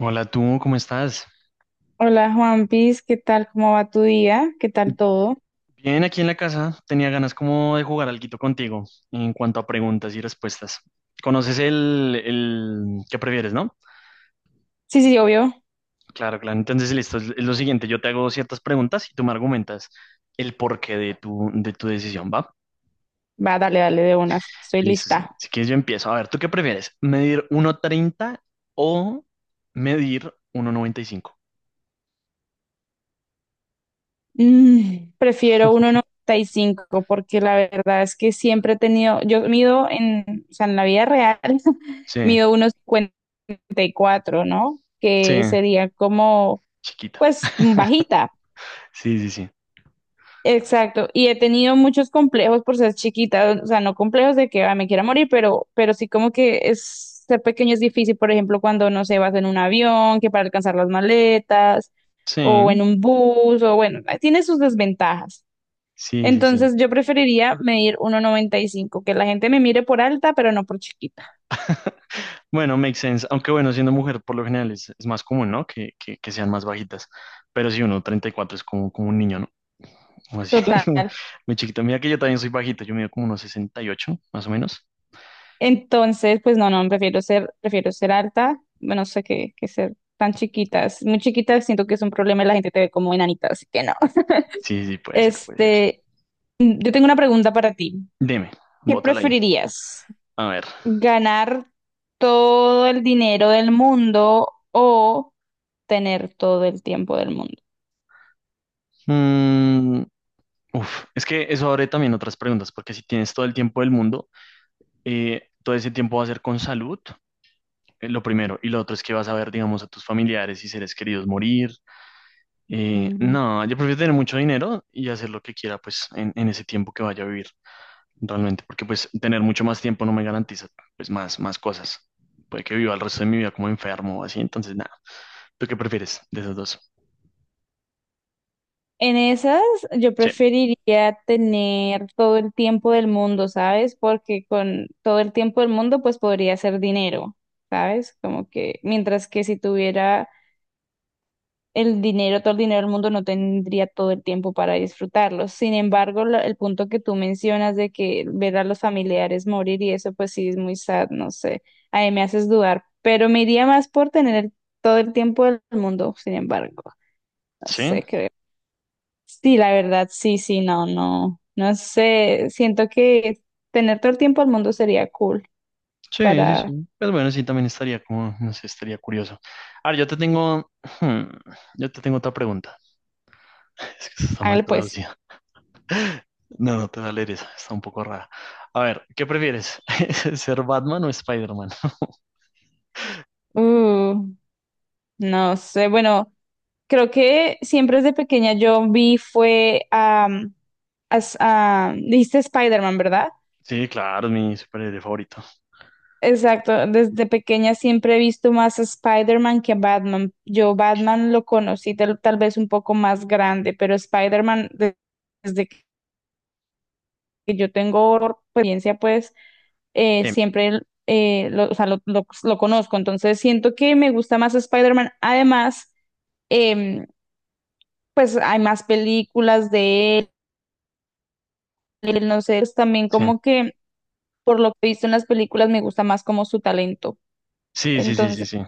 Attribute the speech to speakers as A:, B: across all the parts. A: Hola, tú, ¿cómo estás?
B: Hola Juan Piz, ¿qué tal? ¿Cómo va tu día? ¿Qué tal todo?
A: Bien, aquí en la casa tenía ganas como de jugar alguito contigo en cuanto a preguntas y respuestas. ¿Conoces el qué prefieres, no?
B: Sí, sí, obvio.
A: Claro, claro. Entonces, listo, es lo siguiente, yo te hago ciertas preguntas y tú me argumentas el porqué de tu decisión, ¿va?
B: Va, dale, dale de unas. Estoy
A: Listo, sí.
B: lista.
A: Si quieres yo empiezo. A ver, ¿tú qué prefieres? ¿Medir uno treinta o medir uno noventa y cinco?
B: Prefiero uno noventa y cinco porque la verdad es que siempre he tenido, yo mido en, o sea, en la vida real,
A: Sí,
B: mido 1,54, ¿no?
A: sí,
B: Que sería como,
A: chiquita.
B: pues, bajita.
A: Sí, sí, sí.
B: Exacto, y he tenido muchos complejos por ser chiquita, o sea, no complejos de que "Ay, me quiera morir", pero sí como que es, ser pequeño es difícil, por ejemplo, cuando no sé vas en un avión, que para alcanzar las maletas, o
A: Sí,
B: en un bus, o bueno, tiene sus desventajas.
A: sí, sí, sí.
B: Entonces yo preferiría medir uno noventa y cinco, que la gente me mire por alta, pero no por chiquita.
A: Bueno, makes sense. Aunque bueno, siendo mujer por lo general es más común, ¿no? Que sean más bajitas. Pero si uno 34 es como, como un niño, ¿no? Como así, muy,
B: Total.
A: muy chiquito. Mira que yo también soy bajito, yo mido como unos 68, más o menos.
B: Entonces, pues no, no, prefiero ser alta, no sé qué, que ser tan chiquitas. Muy chiquitas siento que es un problema y la gente te ve como enanita, así que no.
A: Sí, sí, puede ser, puede ser.
B: Este, yo tengo una pregunta para ti.
A: Dime,
B: ¿Qué
A: bótala ahí.
B: preferirías?
A: A ver.
B: ¿Ganar todo el dinero del mundo o tener todo el tiempo del mundo?
A: Mm, uf, es que eso abre también otras preguntas, porque si tienes todo el tiempo del mundo, todo ese tiempo va a ser con salud, lo primero. Y lo otro es que vas a ver, digamos, a tus familiares y seres queridos morir. Eh,
B: Ujú.
A: no, yo prefiero tener mucho dinero y hacer lo que quiera, pues, en ese tiempo que vaya a vivir, realmente, porque, pues, tener mucho más tiempo no me garantiza, pues, más cosas. Puede que viva el resto de mi vida como enfermo o así, entonces, nada. ¿Tú qué prefieres de esos dos?
B: En esas, yo
A: Sí,
B: preferiría tener todo el tiempo del mundo, ¿sabes? Porque con todo el tiempo del mundo, pues podría hacer dinero, ¿sabes? Como que, mientras que si tuviera el dinero, todo el dinero del mundo no tendría todo el tiempo para disfrutarlo. Sin embargo, el punto que tú mencionas de que ver a los familiares morir y eso, pues sí es muy sad, no sé. Ahí me haces dudar, pero me iría más por tener todo el tiempo del mundo, sin embargo, no
A: sí,
B: sé, creo. Sí, la verdad, sí, sí, no, no, no sé. Siento que tener todo el tiempo del mundo sería cool
A: sí, sí,
B: para,
A: sí. Pues bueno, sí, también estaría como, no sé, estaría curioso. Ahora, yo te tengo, hmm, yo te tengo otra pregunta. Es que está mal
B: hágale pues.
A: traducida. No, no te da leer esa, está un poco rara. A ver, ¿qué prefieres? ¿Ser Batman o Spider-Man?
B: Uh, no sé, bueno. Creo que siempre desde pequeña yo vi fue dijiste Spider-Man, ¿verdad?
A: Sí, claro, es mi superhéroe favorito.
B: Exacto, desde pequeña siempre he visto más a Spider-Man que a Batman. Yo Batman lo conocí tal, tal vez un poco más grande, pero desde que yo tengo experiencia, pues
A: Sí,
B: siempre lo, o sea, lo, lo conozco, entonces siento que me gusta más Spider-Man. Además, em, pues hay más películas de él, no sé, es también
A: sí,
B: como que por lo que he visto en las películas me gusta más como su talento.
A: sí, sí, sí,
B: Entonces,
A: sí, sí.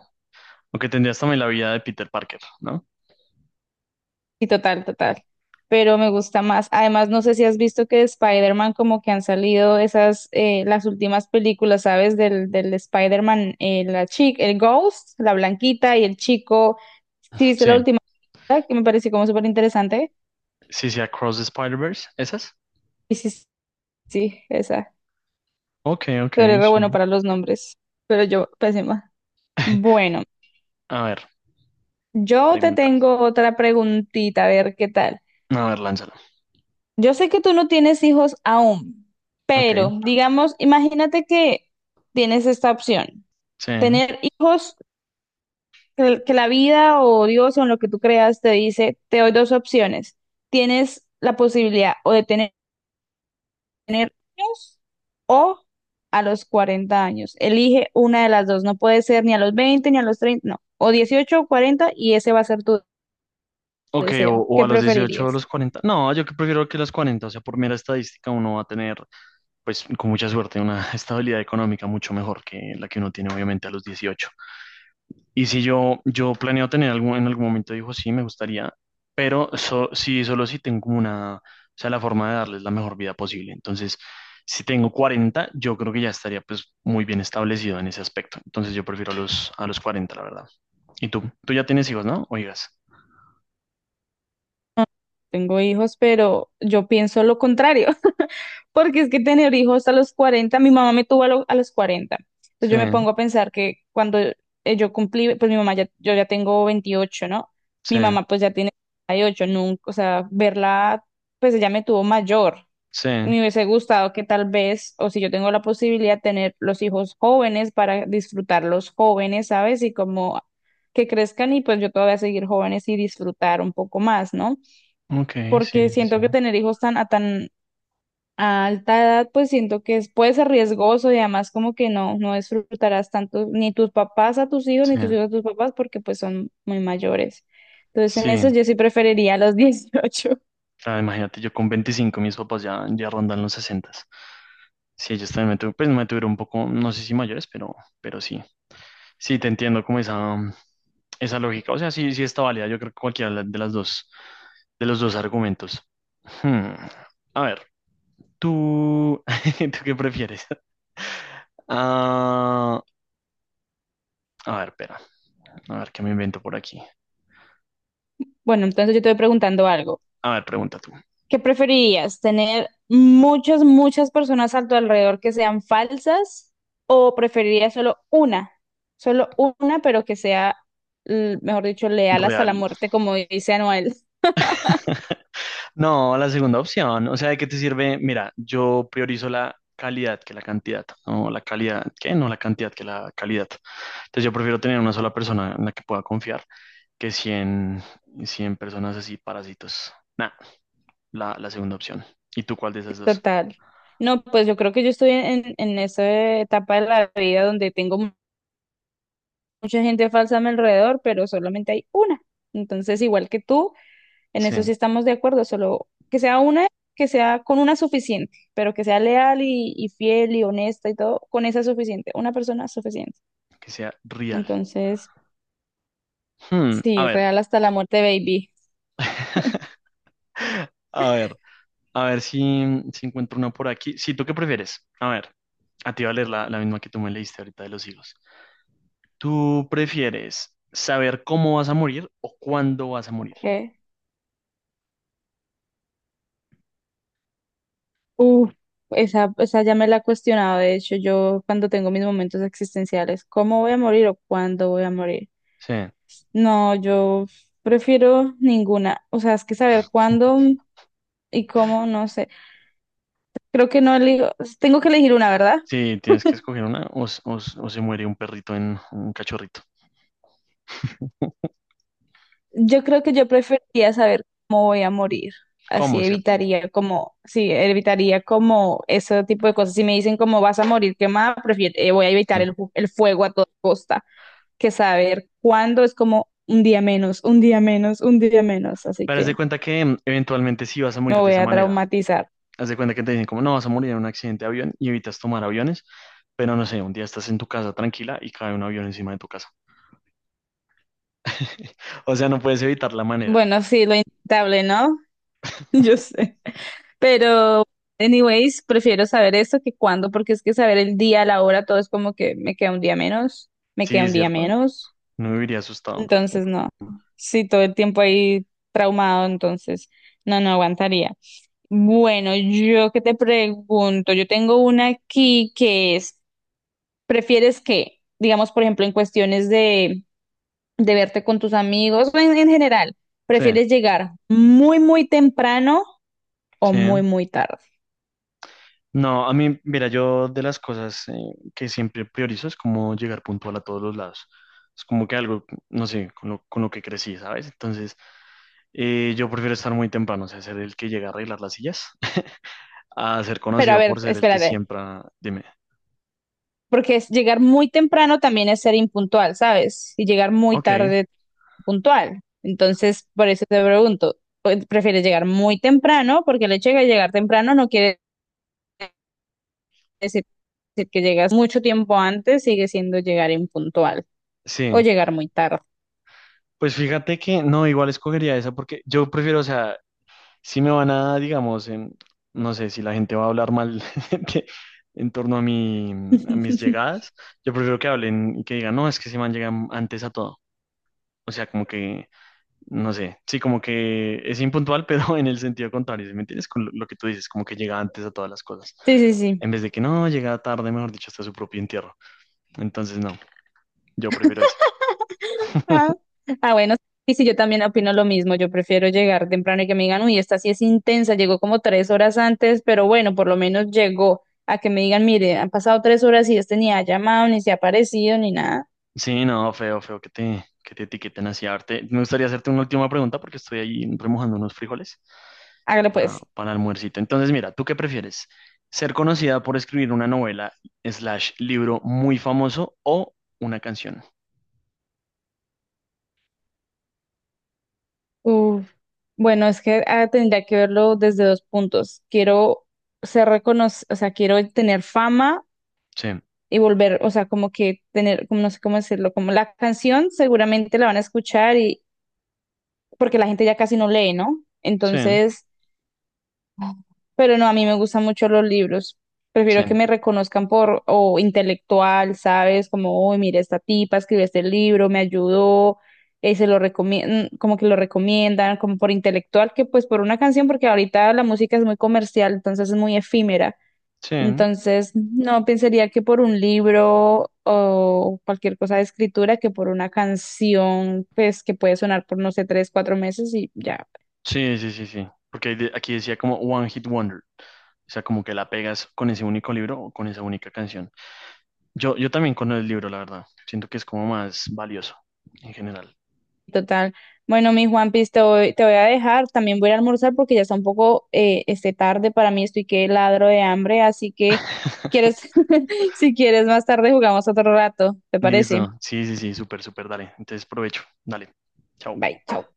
A: Aunque tendrías también la vida de Peter Parker, ¿no?
B: sí, total, total. Pero me gusta más. Además, no sé si has visto que de Spider-Man como que han salido esas, las últimas películas, ¿sabes? Del Spider-Man, la chica, el Ghost, la blanquita y el chico. ¿Sí viste
A: Sí,
B: la última? Que me pareció como súper interesante.
A: sí, sí, Across the Spider-Verse, ¿esas?
B: Y sí, sí, sí, esa.
A: Ok, ok,
B: Pero re bueno
A: sí.
B: para los nombres, pero yo pésima. Bueno.
A: A ver,
B: Yo te
A: pregunta.
B: tengo otra preguntita, a ver qué tal.
A: A ver, lánzala.
B: Yo sé que tú no tienes hijos aún,
A: Ok,
B: pero digamos, imagínate que tienes esta opción,
A: sí.
B: tener hijos que la vida o Dios o en lo que tú creas te dice, te doy dos opciones. Tienes la posibilidad o de tener hijos o a los 40 años. Elige una de las dos, no puede ser ni a los 20 ni a los 30, no, o 18 o 40 y ese va a ser tu
A: Ok, o,
B: deseo.
A: o a
B: ¿Qué
A: los 18 o a
B: preferirías?
A: los 40. No, yo que prefiero que a los 40, o sea, por mera estadística uno va a tener, pues con mucha suerte, una estabilidad económica mucho mejor que la que uno tiene obviamente a los 18. Y si yo planeo tener algún, en algún momento, dijo, sí, me gustaría, pero solo si tengo como una, o sea, la forma de darles la mejor vida posible. Entonces, si tengo 40, yo creo que ya estaría pues muy bien establecido en ese aspecto. Entonces, yo prefiero a los 40, la verdad. ¿Y tú? Tú ya tienes hijos, ¿no? Oigas.
B: Tengo hijos, pero yo pienso lo contrario, porque es que tener hijos a los 40, mi mamá me tuvo a, a los 40. Entonces
A: Sí.
B: yo me pongo a pensar que cuando yo cumplí, pues mi mamá ya, yo ya tengo 28, ¿no?
A: Sí,
B: Mi mamá pues ya tiene 38, nunca, o sea, verla, pues ella me tuvo mayor.
A: sí,
B: Me hubiese gustado que tal vez, o si yo tengo la posibilidad, tener los hijos jóvenes para disfrutarlos jóvenes, ¿sabes? Y como que crezcan y pues yo todavía seguir jóvenes y disfrutar un poco más, ¿no?
A: ok, sí,
B: Porque siento que
A: sí,
B: tener hijos tan a alta edad, pues siento que es- puede ser riesgoso y además como que no, no disfrutarás tanto ni tus papás a tus hijos, ni
A: sí,
B: tus hijos a tus papás, porque pues son muy mayores. Entonces en eso
A: sí.
B: yo sí preferiría los dieciocho.
A: Claro, imagínate, yo con 25 mis papás ya rondan los 60. Sí, ellos también me tuvieron, pues me tuvieron un poco, no sé si mayores, pero sí. Sí, te entiendo como esa lógica. O sea, sí, sí está válida. Yo creo que cualquiera de de los dos argumentos. Hmm. A ver, tú, ¿tú qué prefieres? Ah, a ver, espera. A ver, ¿qué me invento por aquí?
B: Bueno, entonces yo te voy preguntando algo.
A: A ver, pregunta tú.
B: ¿Qué preferirías? ¿Tener muchas, muchas personas a tu alrededor que sean falsas o preferirías solo una? Solo una, pero que sea, mejor dicho, leal hasta
A: Real.
B: la muerte, como dice Anuel.
A: No, la segunda opción. O sea, ¿de qué te sirve? Mira, yo priorizo la calidad que la cantidad. No, la calidad, ¿qué? No la cantidad que la calidad. Entonces yo prefiero tener una sola persona en la que pueda confiar que cien personas así parásitos. Nah, la segunda opción. ¿Y tú cuál de esas dos?
B: Total. No, pues yo creo que yo estoy en esa etapa de la vida donde tengo mucha gente falsa a mi alrededor, pero solamente hay una. Entonces, igual que tú, en
A: Sí,
B: eso sí estamos de acuerdo, solo que sea una, que sea con una suficiente, pero que sea leal y fiel y honesta y todo, con esa suficiente, una persona suficiente.
A: que sea real.
B: Entonces,
A: Hmm, a
B: sí,
A: ver.
B: real hasta la muerte, baby.
A: A ver, a ver si encuentro una por aquí. Sí, ¿tú qué prefieres? A ver, a ti va a leer la misma que tú me leíste ahorita de los higos. ¿Tú prefieres saber cómo vas a morir o cuándo vas a morir?
B: Okay. Uf, esa ya me la he cuestionado, de hecho, yo cuando tengo mis momentos existenciales, ¿cómo voy a morir o cuándo voy a morir?
A: Sí,
B: No, yo prefiero ninguna. O sea, es que saber cuándo y cómo, no sé. Creo que no elijo. Tengo que elegir una, ¿verdad?
A: sí, tienes que escoger una o se muere un perrito en un cachorrito.
B: Yo creo que yo preferiría saber cómo voy a morir. Así
A: ¿Cómo, cierto?
B: evitaría como, sí, evitaría como ese tipo de cosas. Si me dicen cómo vas a morir quemada, prefiero, voy a evitar
A: Sí.
B: el, el fuego a toda costa, que saber cuándo es como un día menos, un día menos, un día menos. Así
A: Pero haz de
B: que
A: cuenta que eventualmente sí vas a
B: me
A: morir de
B: voy
A: esa
B: a
A: manera.
B: traumatizar.
A: Haz de cuenta que te dicen como no vas a morir en un accidente de avión y evitas tomar aviones, pero no sé, un día estás en tu casa tranquila y cae un avión encima de tu casa. O sea, no puedes evitar la manera.
B: Bueno, sí, lo inevitable, ¿no? Yo sé. Pero, anyways, prefiero saber eso que cuándo, porque es que saber el día, la hora, todo es como que me queda un día menos, me queda
A: Sí,
B: un día
A: cierto.
B: menos.
A: No viviría asustado todo el
B: Entonces,
A: tiempo.
B: no. Sí, todo el tiempo ahí traumado, entonces, no, no aguantaría. Bueno, yo que te pregunto, yo tengo una aquí que es, ¿prefieres que, digamos, por ejemplo, en cuestiones de verte con tus amigos o en general,
A: Sí,
B: ¿prefieres llegar muy, muy temprano o muy,
A: sí.
B: muy tarde?
A: No, a mí, mira, yo de las cosas que siempre priorizo es como llegar puntual a todos los lados. Es como que algo, no sé, con lo que crecí, ¿sabes? Entonces, yo prefiero estar muy temprano, o sea, ser el que llega a arreglar las sillas, a ser
B: Pero a
A: conocido
B: ver,
A: por ser el que
B: espérate.
A: siempre... Ah, dime.
B: Porque es llegar muy temprano también es ser impuntual, ¿sabes? Y llegar muy
A: Ok,
B: tarde puntual. Entonces, por eso te pregunto, pues, ¿prefieres llegar muy temprano? Porque el hecho de llegar temprano no quiere decir decir que llegas mucho tiempo antes, sigue siendo llegar impuntual o
A: sí.
B: llegar muy tarde.
A: Pues fíjate que no, igual escogería esa porque yo prefiero, o sea, si me van a, digamos, no sé si la gente va a hablar mal de- en torno a mi, a mis llegadas, yo prefiero que hablen y que digan, no, es que ese man llega antes a todo. O sea, como que, no sé, sí, como que es impuntual, pero en el sentido contrario, ¿sí? ¿Me entiendes? Con lo que tú dices, como que llega antes a todas las cosas.
B: Sí, sí, sí.
A: En vez de que no, llega tarde, mejor dicho, hasta su propio entierro. Entonces, no, yo prefiero eso.
B: Ah, ah, bueno, sí, sí, yo también opino lo mismo. Yo prefiero llegar temprano y que me digan, uy, esta sí es intensa, llegó como 3 horas antes, pero bueno, por lo menos llegó a que me digan, mire, han pasado 3 horas y este ni ha llamado, ni se ha aparecido, ni nada.
A: Sí, no, feo, feo que te etiqueten así. A ver, me gustaría hacerte una última pregunta porque estoy ahí remojando unos frijoles
B: Hágale pues.
A: para almuercito. Entonces, mira, ¿tú qué prefieres? ¿Ser conocida por escribir una novela slash libro muy famoso o una canción?
B: Uf. Bueno, es que ah, tendría que verlo desde dos puntos. Quiero ser reconocido, o sea, quiero tener fama
A: Sí,
B: y volver, o sea, como que tener, como no sé cómo decirlo, como la canción seguramente la van a escuchar porque la gente ya casi no lee, ¿no?
A: sí,
B: Entonces, pero no, a mí me gustan mucho los libros.
A: sí,
B: Prefiero que me reconozcan por, o intelectual, ¿sabes? Como, uy, mira, esta tipa escribió este libro, me ayudó, se lo recomiendan, como que lo recomiendan, como por intelectual, que pues por una canción, porque ahorita la música es muy comercial, entonces es muy efímera.
A: sí,
B: Entonces, no pensaría que por un libro o cualquier cosa de escritura, que por una canción, pues que puede sonar por, no sé, 3, 4 meses y ya.
A: sí, sí, sí, sí. Porque aquí decía como One Hit Wonder. O sea, como que la pegas con ese único libro o con esa única canción. Yo también con el libro, la verdad. Siento que es como más valioso en general.
B: Total. Bueno, mi Juanpis, te voy a dejar. También voy a ir a almorzar porque ya está un poco este tarde para mí. Estoy que ladro de hambre, así que quieres, si quieres más tarde jugamos otro rato. ¿Te parece?
A: Listo. Sí, sí, sí, súper, súper, dale. Entonces, provecho. Dale. Chao.
B: Bye, chao.